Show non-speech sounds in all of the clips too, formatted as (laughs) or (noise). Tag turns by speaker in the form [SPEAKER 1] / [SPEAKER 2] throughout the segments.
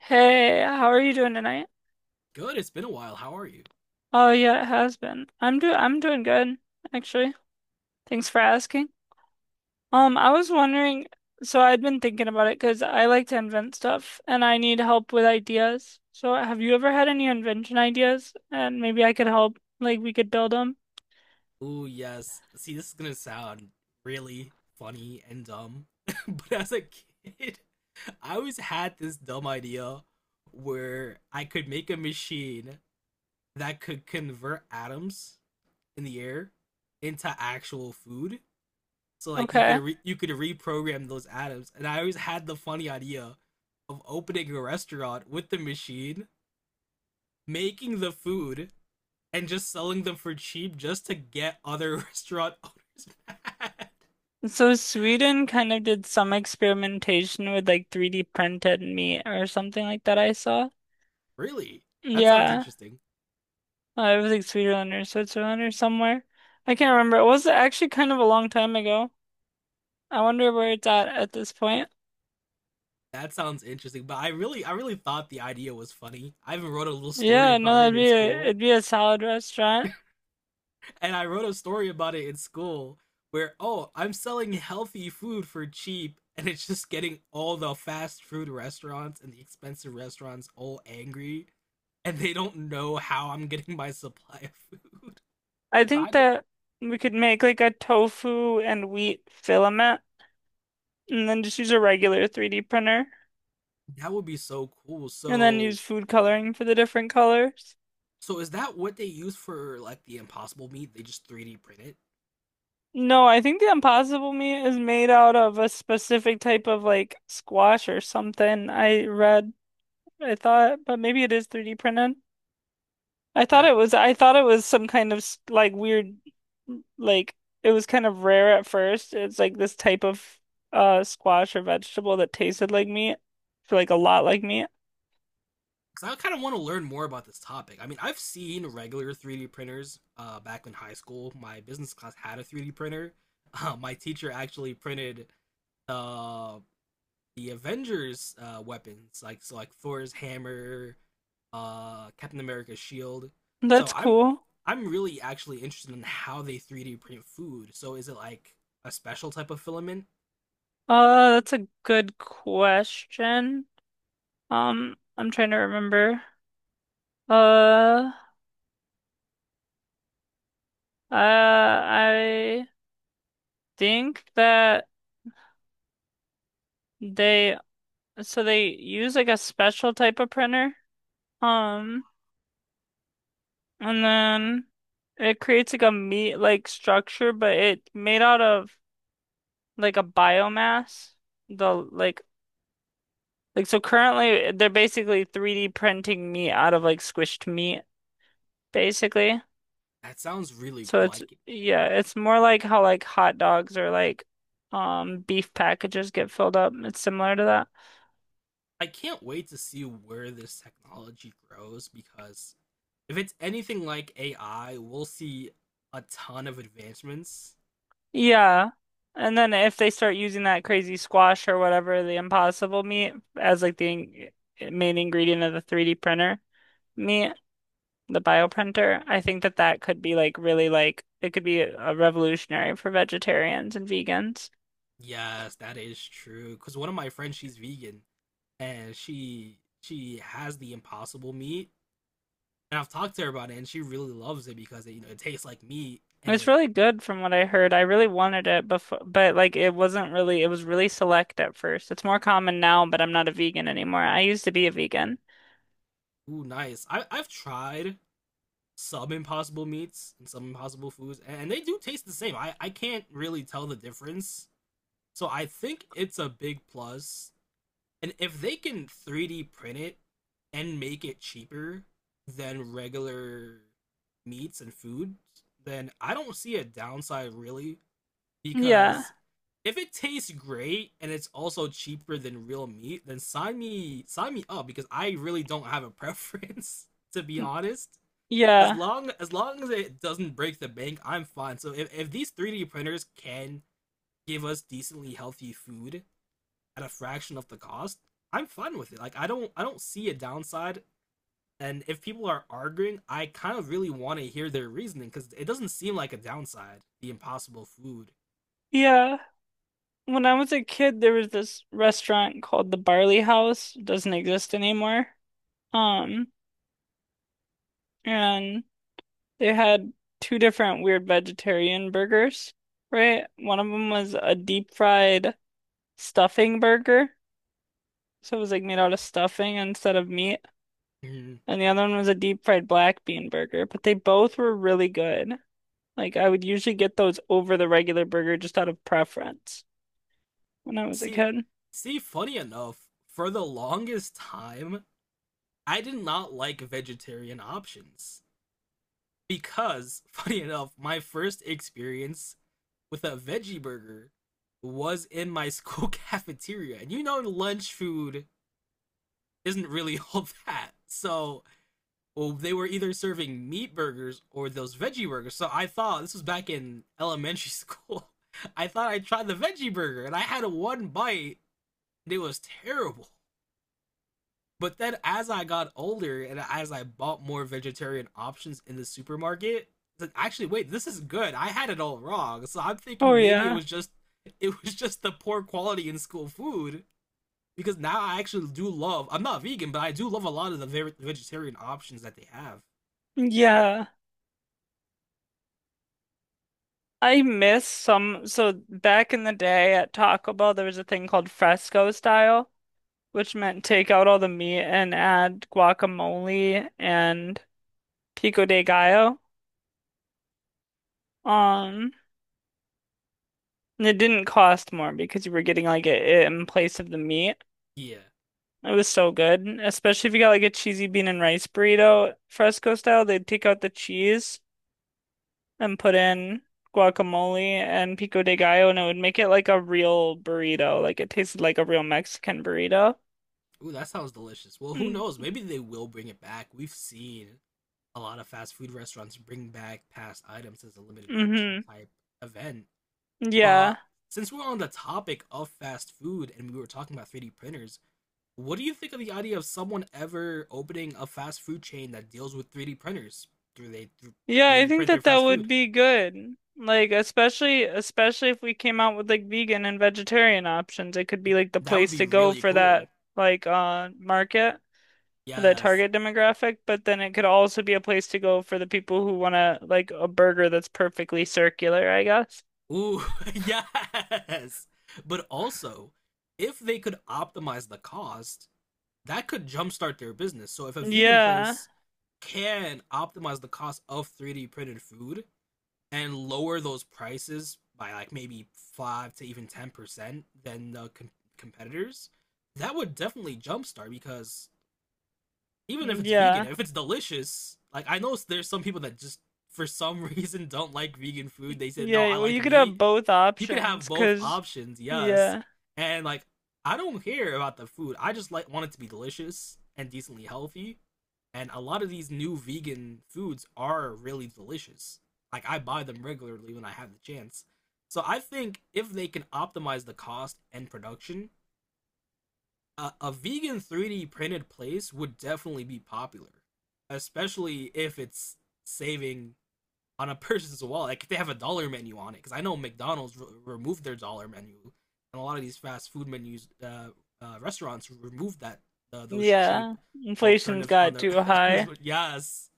[SPEAKER 1] Hey, how are you doing tonight?
[SPEAKER 2] Good. It's been a while. How are you?
[SPEAKER 1] Oh yeah, it has been. I'm doing good, actually. Thanks for asking. I was wondering, so I'd been thinking about it because I like to invent stuff and I need help with ideas. So have you ever had any invention ideas? And maybe I could help, like we could build them.
[SPEAKER 2] Ooh, yes. See, this is gonna sound really funny and dumb, (laughs) but as a kid, I always had this dumb idea where I could make a machine that could convert atoms in the air into actual food. So like you could
[SPEAKER 1] Okay.
[SPEAKER 2] you could reprogram those atoms, and I always had the funny idea of opening a restaurant with the machine, making the food, and just selling them for cheap just to get other (laughs) restaurant owners mad.
[SPEAKER 1] So Sweden kind of did some experimentation with like 3D printed meat or something like that I saw.
[SPEAKER 2] Really? That sounds
[SPEAKER 1] Yeah.
[SPEAKER 2] interesting.
[SPEAKER 1] Everything's Sweeterlander or Switzerlander somewhere. I can't remember. It was actually kind of a long time ago. I wonder where it's at this point.
[SPEAKER 2] That sounds interesting. But I really thought the idea was funny. I even wrote a little story
[SPEAKER 1] Yeah, no,
[SPEAKER 2] about
[SPEAKER 1] that'd
[SPEAKER 2] it in
[SPEAKER 1] be a it'd
[SPEAKER 2] school.
[SPEAKER 1] be a solid restaurant.
[SPEAKER 2] And I wrote a story about it in school where oh, I'm selling healthy food for cheap and it's just getting all the fast food restaurants and the expensive restaurants all angry and they don't know how I'm getting my (laughs) supply of food. (laughs)
[SPEAKER 1] I
[SPEAKER 2] So I
[SPEAKER 1] think
[SPEAKER 2] just
[SPEAKER 1] that we could make like a tofu and wheat filament, and then just use a regular 3D printer,
[SPEAKER 2] that would be so cool.
[SPEAKER 1] and then
[SPEAKER 2] So
[SPEAKER 1] use food coloring for the different colors.
[SPEAKER 2] so is that what they use for like the impossible meat? They just 3D print it?
[SPEAKER 1] No, I think the impossible meat is made out of a specific type of like squash or something. I thought, but maybe it is 3D printed.
[SPEAKER 2] That
[SPEAKER 1] I thought it was some kind of like weird like it was kind of rare at first. It's like this type of squash or vegetable that tasted like meat for like a lot like meat.
[SPEAKER 2] because I kind of want to learn more about this topic. I mean, I've seen regular 3D printers. Back in high school, my business class had a 3D printer. (laughs) My teacher actually printed uh, the Avengers weapons, like so like Thor's hammer, Captain America's shield. So
[SPEAKER 1] That's
[SPEAKER 2] I'm
[SPEAKER 1] cool.
[SPEAKER 2] I'm really actually interested in how they 3D print food. So is it like a special type of filament?
[SPEAKER 1] That's a good question. I'm trying to remember. Uh I think that they so they use like a special type of printer. Um And then it creates like a meat-like structure, but it made out of like a biomass. The like so currently they're basically 3D printing meat out of like squished meat, basically.
[SPEAKER 2] That sounds really
[SPEAKER 1] So
[SPEAKER 2] cool. I
[SPEAKER 1] it's
[SPEAKER 2] can.
[SPEAKER 1] yeah, it's more like how like hot dogs or like beef packages get filled up. It's similar to that.
[SPEAKER 2] I can't wait to see where this technology grows because if it's anything like AI, we'll see a ton of advancements.
[SPEAKER 1] Yeah. And then if they start using that crazy squash or whatever, the impossible meat as like the in main ingredient of the 3D printer meat the bioprinter. I think that that could be like really like it could be a revolutionary for vegetarians and vegans.
[SPEAKER 2] Yes, that is true. Because one of my friends, she's vegan and she has the impossible meat, and I've talked to her about it, and she really loves it because it it tastes like meat and
[SPEAKER 1] It's
[SPEAKER 2] it
[SPEAKER 1] really good from what I heard. I really wanted it before, but like it wasn't really, it was really select at first. It's more common now, but I'm not a vegan anymore. I used to be a vegan.
[SPEAKER 2] ooh, nice. I've tried some impossible meats and some impossible foods, and they do taste the same. I can't really tell the difference. So I think it's a big plus. And if they can 3D print it and make it cheaper than regular meats and foods, then I don't see a downside really
[SPEAKER 1] Yeah.
[SPEAKER 2] because if it tastes great and it's also cheaper than real meat, then sign me up because I really don't have a preference (laughs) to be honest. As
[SPEAKER 1] Yeah.
[SPEAKER 2] long as long as it doesn't break the bank, I'm fine. So if these 3D printers can give us decently healthy food at a fraction of the cost, I'm fine with it. Like I don't see a downside. And if people are arguing, I kind of really want to hear their reasoning because it doesn't seem like a downside. The impossible food.
[SPEAKER 1] Yeah. When I was a kid, there was this restaurant called the Barley House. It doesn't exist anymore. Um, and they had two different weird vegetarian burgers, right? One of them was a deep fried stuffing burger. So it was like made out of stuffing instead of meat.
[SPEAKER 2] Mhm.
[SPEAKER 1] And the other one was a deep fried black bean burger. But they both were really good. Like I would usually get those over the regular burger just out of preference, when I was a
[SPEAKER 2] See,
[SPEAKER 1] kid.
[SPEAKER 2] see, funny enough, for the longest time, I did not like vegetarian options because, (laughs) funny enough, my first experience with a veggie burger was in my (laughs) school cafeteria, and you know, lunch food isn't really (laughs) all that. So well, they were either serving meat burgers or those veggie burgers. So I thought this was back in elementary school. (laughs) I thought I tried the veggie burger and I had one bite and it was terrible. But then as I got older and as I bought more vegetarian options in the supermarket, like actually wait, this is good. I had it all wrong. So I'm
[SPEAKER 1] Oh
[SPEAKER 2] thinking maybe
[SPEAKER 1] yeah.
[SPEAKER 2] it was just the poor quality in school food because now I actually do love. I'm not vegan, but I do love a lot of the vegetarian options that they have.
[SPEAKER 1] Yeah. I miss some. So back in the day at Taco Bell, there was a thing called fresco style, which meant take out all the meat and add guacamole and pico de gallo. Um, and it didn't cost more because you were getting like it in place of the meat.
[SPEAKER 2] Yeah.
[SPEAKER 1] It was so good, especially if you got like a cheesy bean and rice burrito, fresco style. They'd take out the cheese and put in guacamole and pico de gallo, and it would make it like a real burrito. Like it tasted like a real Mexican burrito.
[SPEAKER 2] Ooh, that sounds delicious. Well, who
[SPEAKER 1] Mm,
[SPEAKER 2] knows? Maybe they will bring it back. We've seen a lot of fast food restaurants bring back past items as a limited edition
[SPEAKER 1] mm-hmm.
[SPEAKER 2] type event.
[SPEAKER 1] Yeah.
[SPEAKER 2] But since we're on the topic of fast food and we were talking about 3D printers, what do you think of the idea of someone ever opening a fast food chain that deals with 3D printers? Do they
[SPEAKER 1] Yeah, I
[SPEAKER 2] 3D
[SPEAKER 1] think
[SPEAKER 2] print their
[SPEAKER 1] that that
[SPEAKER 2] fast
[SPEAKER 1] would
[SPEAKER 2] food?
[SPEAKER 1] be good. Like especially if we came out with like vegan and vegetarian options, it could be like the
[SPEAKER 2] That would
[SPEAKER 1] place
[SPEAKER 2] be
[SPEAKER 1] to go
[SPEAKER 2] really
[SPEAKER 1] for
[SPEAKER 2] cool.
[SPEAKER 1] that like market, that
[SPEAKER 2] Yes.
[SPEAKER 1] target demographic, but then it could also be a place to go for the people who want to like a burger that's perfectly circular, I guess.
[SPEAKER 2] Ooh, (laughs) yes. But also, if they could optimize the cost, that could jumpstart their business. So if a vegan
[SPEAKER 1] Yeah.
[SPEAKER 2] place can optimize the cost of 3D printed food and lower those prices by like maybe 5 to even 10% than the competitors, that would definitely jumpstart because even if it's vegan,
[SPEAKER 1] Yeah.
[SPEAKER 2] if it's delicious, like I know there's some people that just for some (laughs) reason don't like vegan food. They said, "No,
[SPEAKER 1] Yeah,
[SPEAKER 2] I
[SPEAKER 1] well you
[SPEAKER 2] like
[SPEAKER 1] could have
[SPEAKER 2] meat."
[SPEAKER 1] both
[SPEAKER 2] You could have
[SPEAKER 1] options
[SPEAKER 2] both
[SPEAKER 1] 'cause
[SPEAKER 2] options, yes.
[SPEAKER 1] yeah.
[SPEAKER 2] And like I don't care about the food. I just like want it to be delicious and decently healthy. And a lot of these new vegan foods are really delicious. Like I buy them regularly when I have the chance. So I think if they can optimize the cost and production, a vegan 3D printed place would definitely be popular, especially if it's saving on a person's wall. Like if they have a dollar menu on it, because I know McDonald's removed their dollar menu, and a lot of these fast food menus, restaurants removed that those cheap
[SPEAKER 1] Yeah. Inflation's
[SPEAKER 2] alternatives on
[SPEAKER 1] got
[SPEAKER 2] their
[SPEAKER 1] too
[SPEAKER 2] (laughs) on this.
[SPEAKER 1] high.
[SPEAKER 2] One. Yes,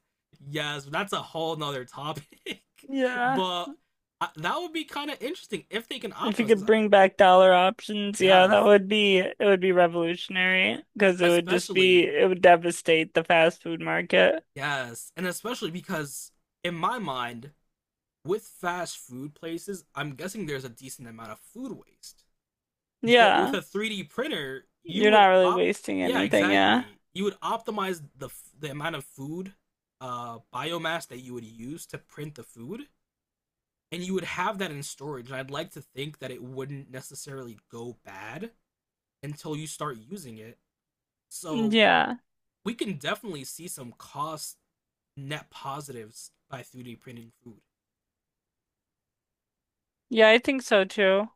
[SPEAKER 2] yes, that's a whole nother topic. (laughs)
[SPEAKER 1] Yeah.
[SPEAKER 2] But that would be kind of interesting if they can
[SPEAKER 1] If you
[SPEAKER 2] optimize.
[SPEAKER 1] could
[SPEAKER 2] Because
[SPEAKER 1] bring back dollar options, yeah, that
[SPEAKER 2] yes,
[SPEAKER 1] would be revolutionary because it would just be
[SPEAKER 2] especially
[SPEAKER 1] it would devastate the fast food market.
[SPEAKER 2] yes, and especially because in my mind, with fast food places, I'm guessing there's a decent amount of food waste. But with
[SPEAKER 1] Yeah.
[SPEAKER 2] a 3D printer, you
[SPEAKER 1] You're
[SPEAKER 2] would
[SPEAKER 1] not really
[SPEAKER 2] op
[SPEAKER 1] wasting
[SPEAKER 2] yeah,
[SPEAKER 1] anything, yeah.
[SPEAKER 2] exactly. You would optimize the amount of food biomass that you would use to print the food and you would have that in storage. And I'd like to think that it wouldn't necessarily go bad until you start using it. So
[SPEAKER 1] Yeah.
[SPEAKER 2] we can definitely see some cost net positives by 3D printing food.
[SPEAKER 1] Yeah, I think so too.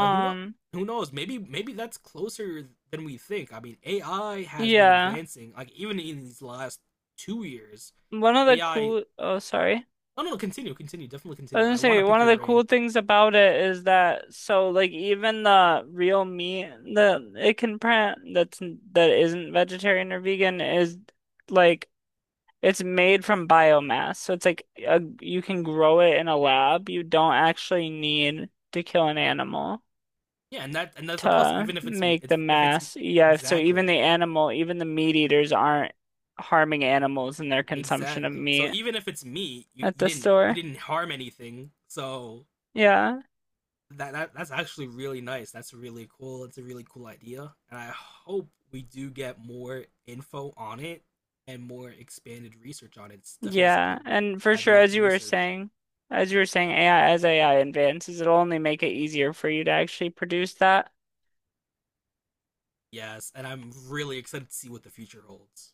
[SPEAKER 2] Uh, who know? Who knows? Maybe that's closer than we think. I mean, AI has been
[SPEAKER 1] yeah.
[SPEAKER 2] advancing. Like even in these last 2 years,
[SPEAKER 1] One of the
[SPEAKER 2] AI.
[SPEAKER 1] cool Oh sorry.
[SPEAKER 2] No, no, no, continue, continue, definitely
[SPEAKER 1] I was
[SPEAKER 2] continue. I
[SPEAKER 1] gonna
[SPEAKER 2] want
[SPEAKER 1] say
[SPEAKER 2] to pick
[SPEAKER 1] one of
[SPEAKER 2] your
[SPEAKER 1] the cool
[SPEAKER 2] brain.
[SPEAKER 1] things about it is that so like even the real meat that it can print that's that isn't vegetarian or vegan is like it's made from biomass, so it's like a, you can grow it in a lab. You don't actually need to kill an animal
[SPEAKER 2] Yeah, and that's a plus.
[SPEAKER 1] to
[SPEAKER 2] Even if it's
[SPEAKER 1] make the
[SPEAKER 2] it's if it's
[SPEAKER 1] mass. Yeah, so even
[SPEAKER 2] exactly
[SPEAKER 1] the animal, even the meat eaters aren't harming animals in their consumption of
[SPEAKER 2] exactly. So
[SPEAKER 1] meat
[SPEAKER 2] even if it's me, you,
[SPEAKER 1] at the
[SPEAKER 2] you
[SPEAKER 1] store.
[SPEAKER 2] didn't harm anything. So
[SPEAKER 1] Yeah,
[SPEAKER 2] that's actually really nice. That's really cool. It's a really cool idea, and I hope we do get more info on it and more expanded research on it. It's definitely
[SPEAKER 1] yeah,
[SPEAKER 2] something
[SPEAKER 1] and for
[SPEAKER 2] I'd
[SPEAKER 1] sure,
[SPEAKER 2] love to research.
[SPEAKER 1] as you were saying, AI, as AI advances, it'll only make it easier for you to actually produce that.
[SPEAKER 2] Yes, and I'm really excited to see what the future holds.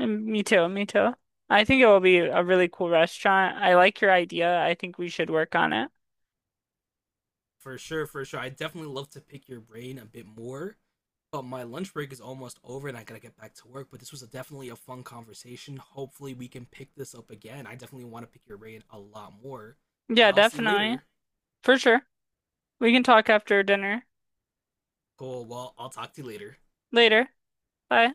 [SPEAKER 1] Mm, me too, me too. I think it will be a really cool restaurant. I like your idea. I think we should work on it.
[SPEAKER 2] For sure, for sure. I definitely love to pick your brain a bit more. But my lunch break is almost over and I gotta get back to work. But this was definitely a fun conversation. Hopefully, we can pick this up again. I definitely want to pick your brain a lot more. But
[SPEAKER 1] Yeah,
[SPEAKER 2] I'll see you
[SPEAKER 1] definitely.
[SPEAKER 2] later.
[SPEAKER 1] For sure. We can talk after dinner.
[SPEAKER 2] Cool. Well, I'll talk to you later.
[SPEAKER 1] Later. Bye.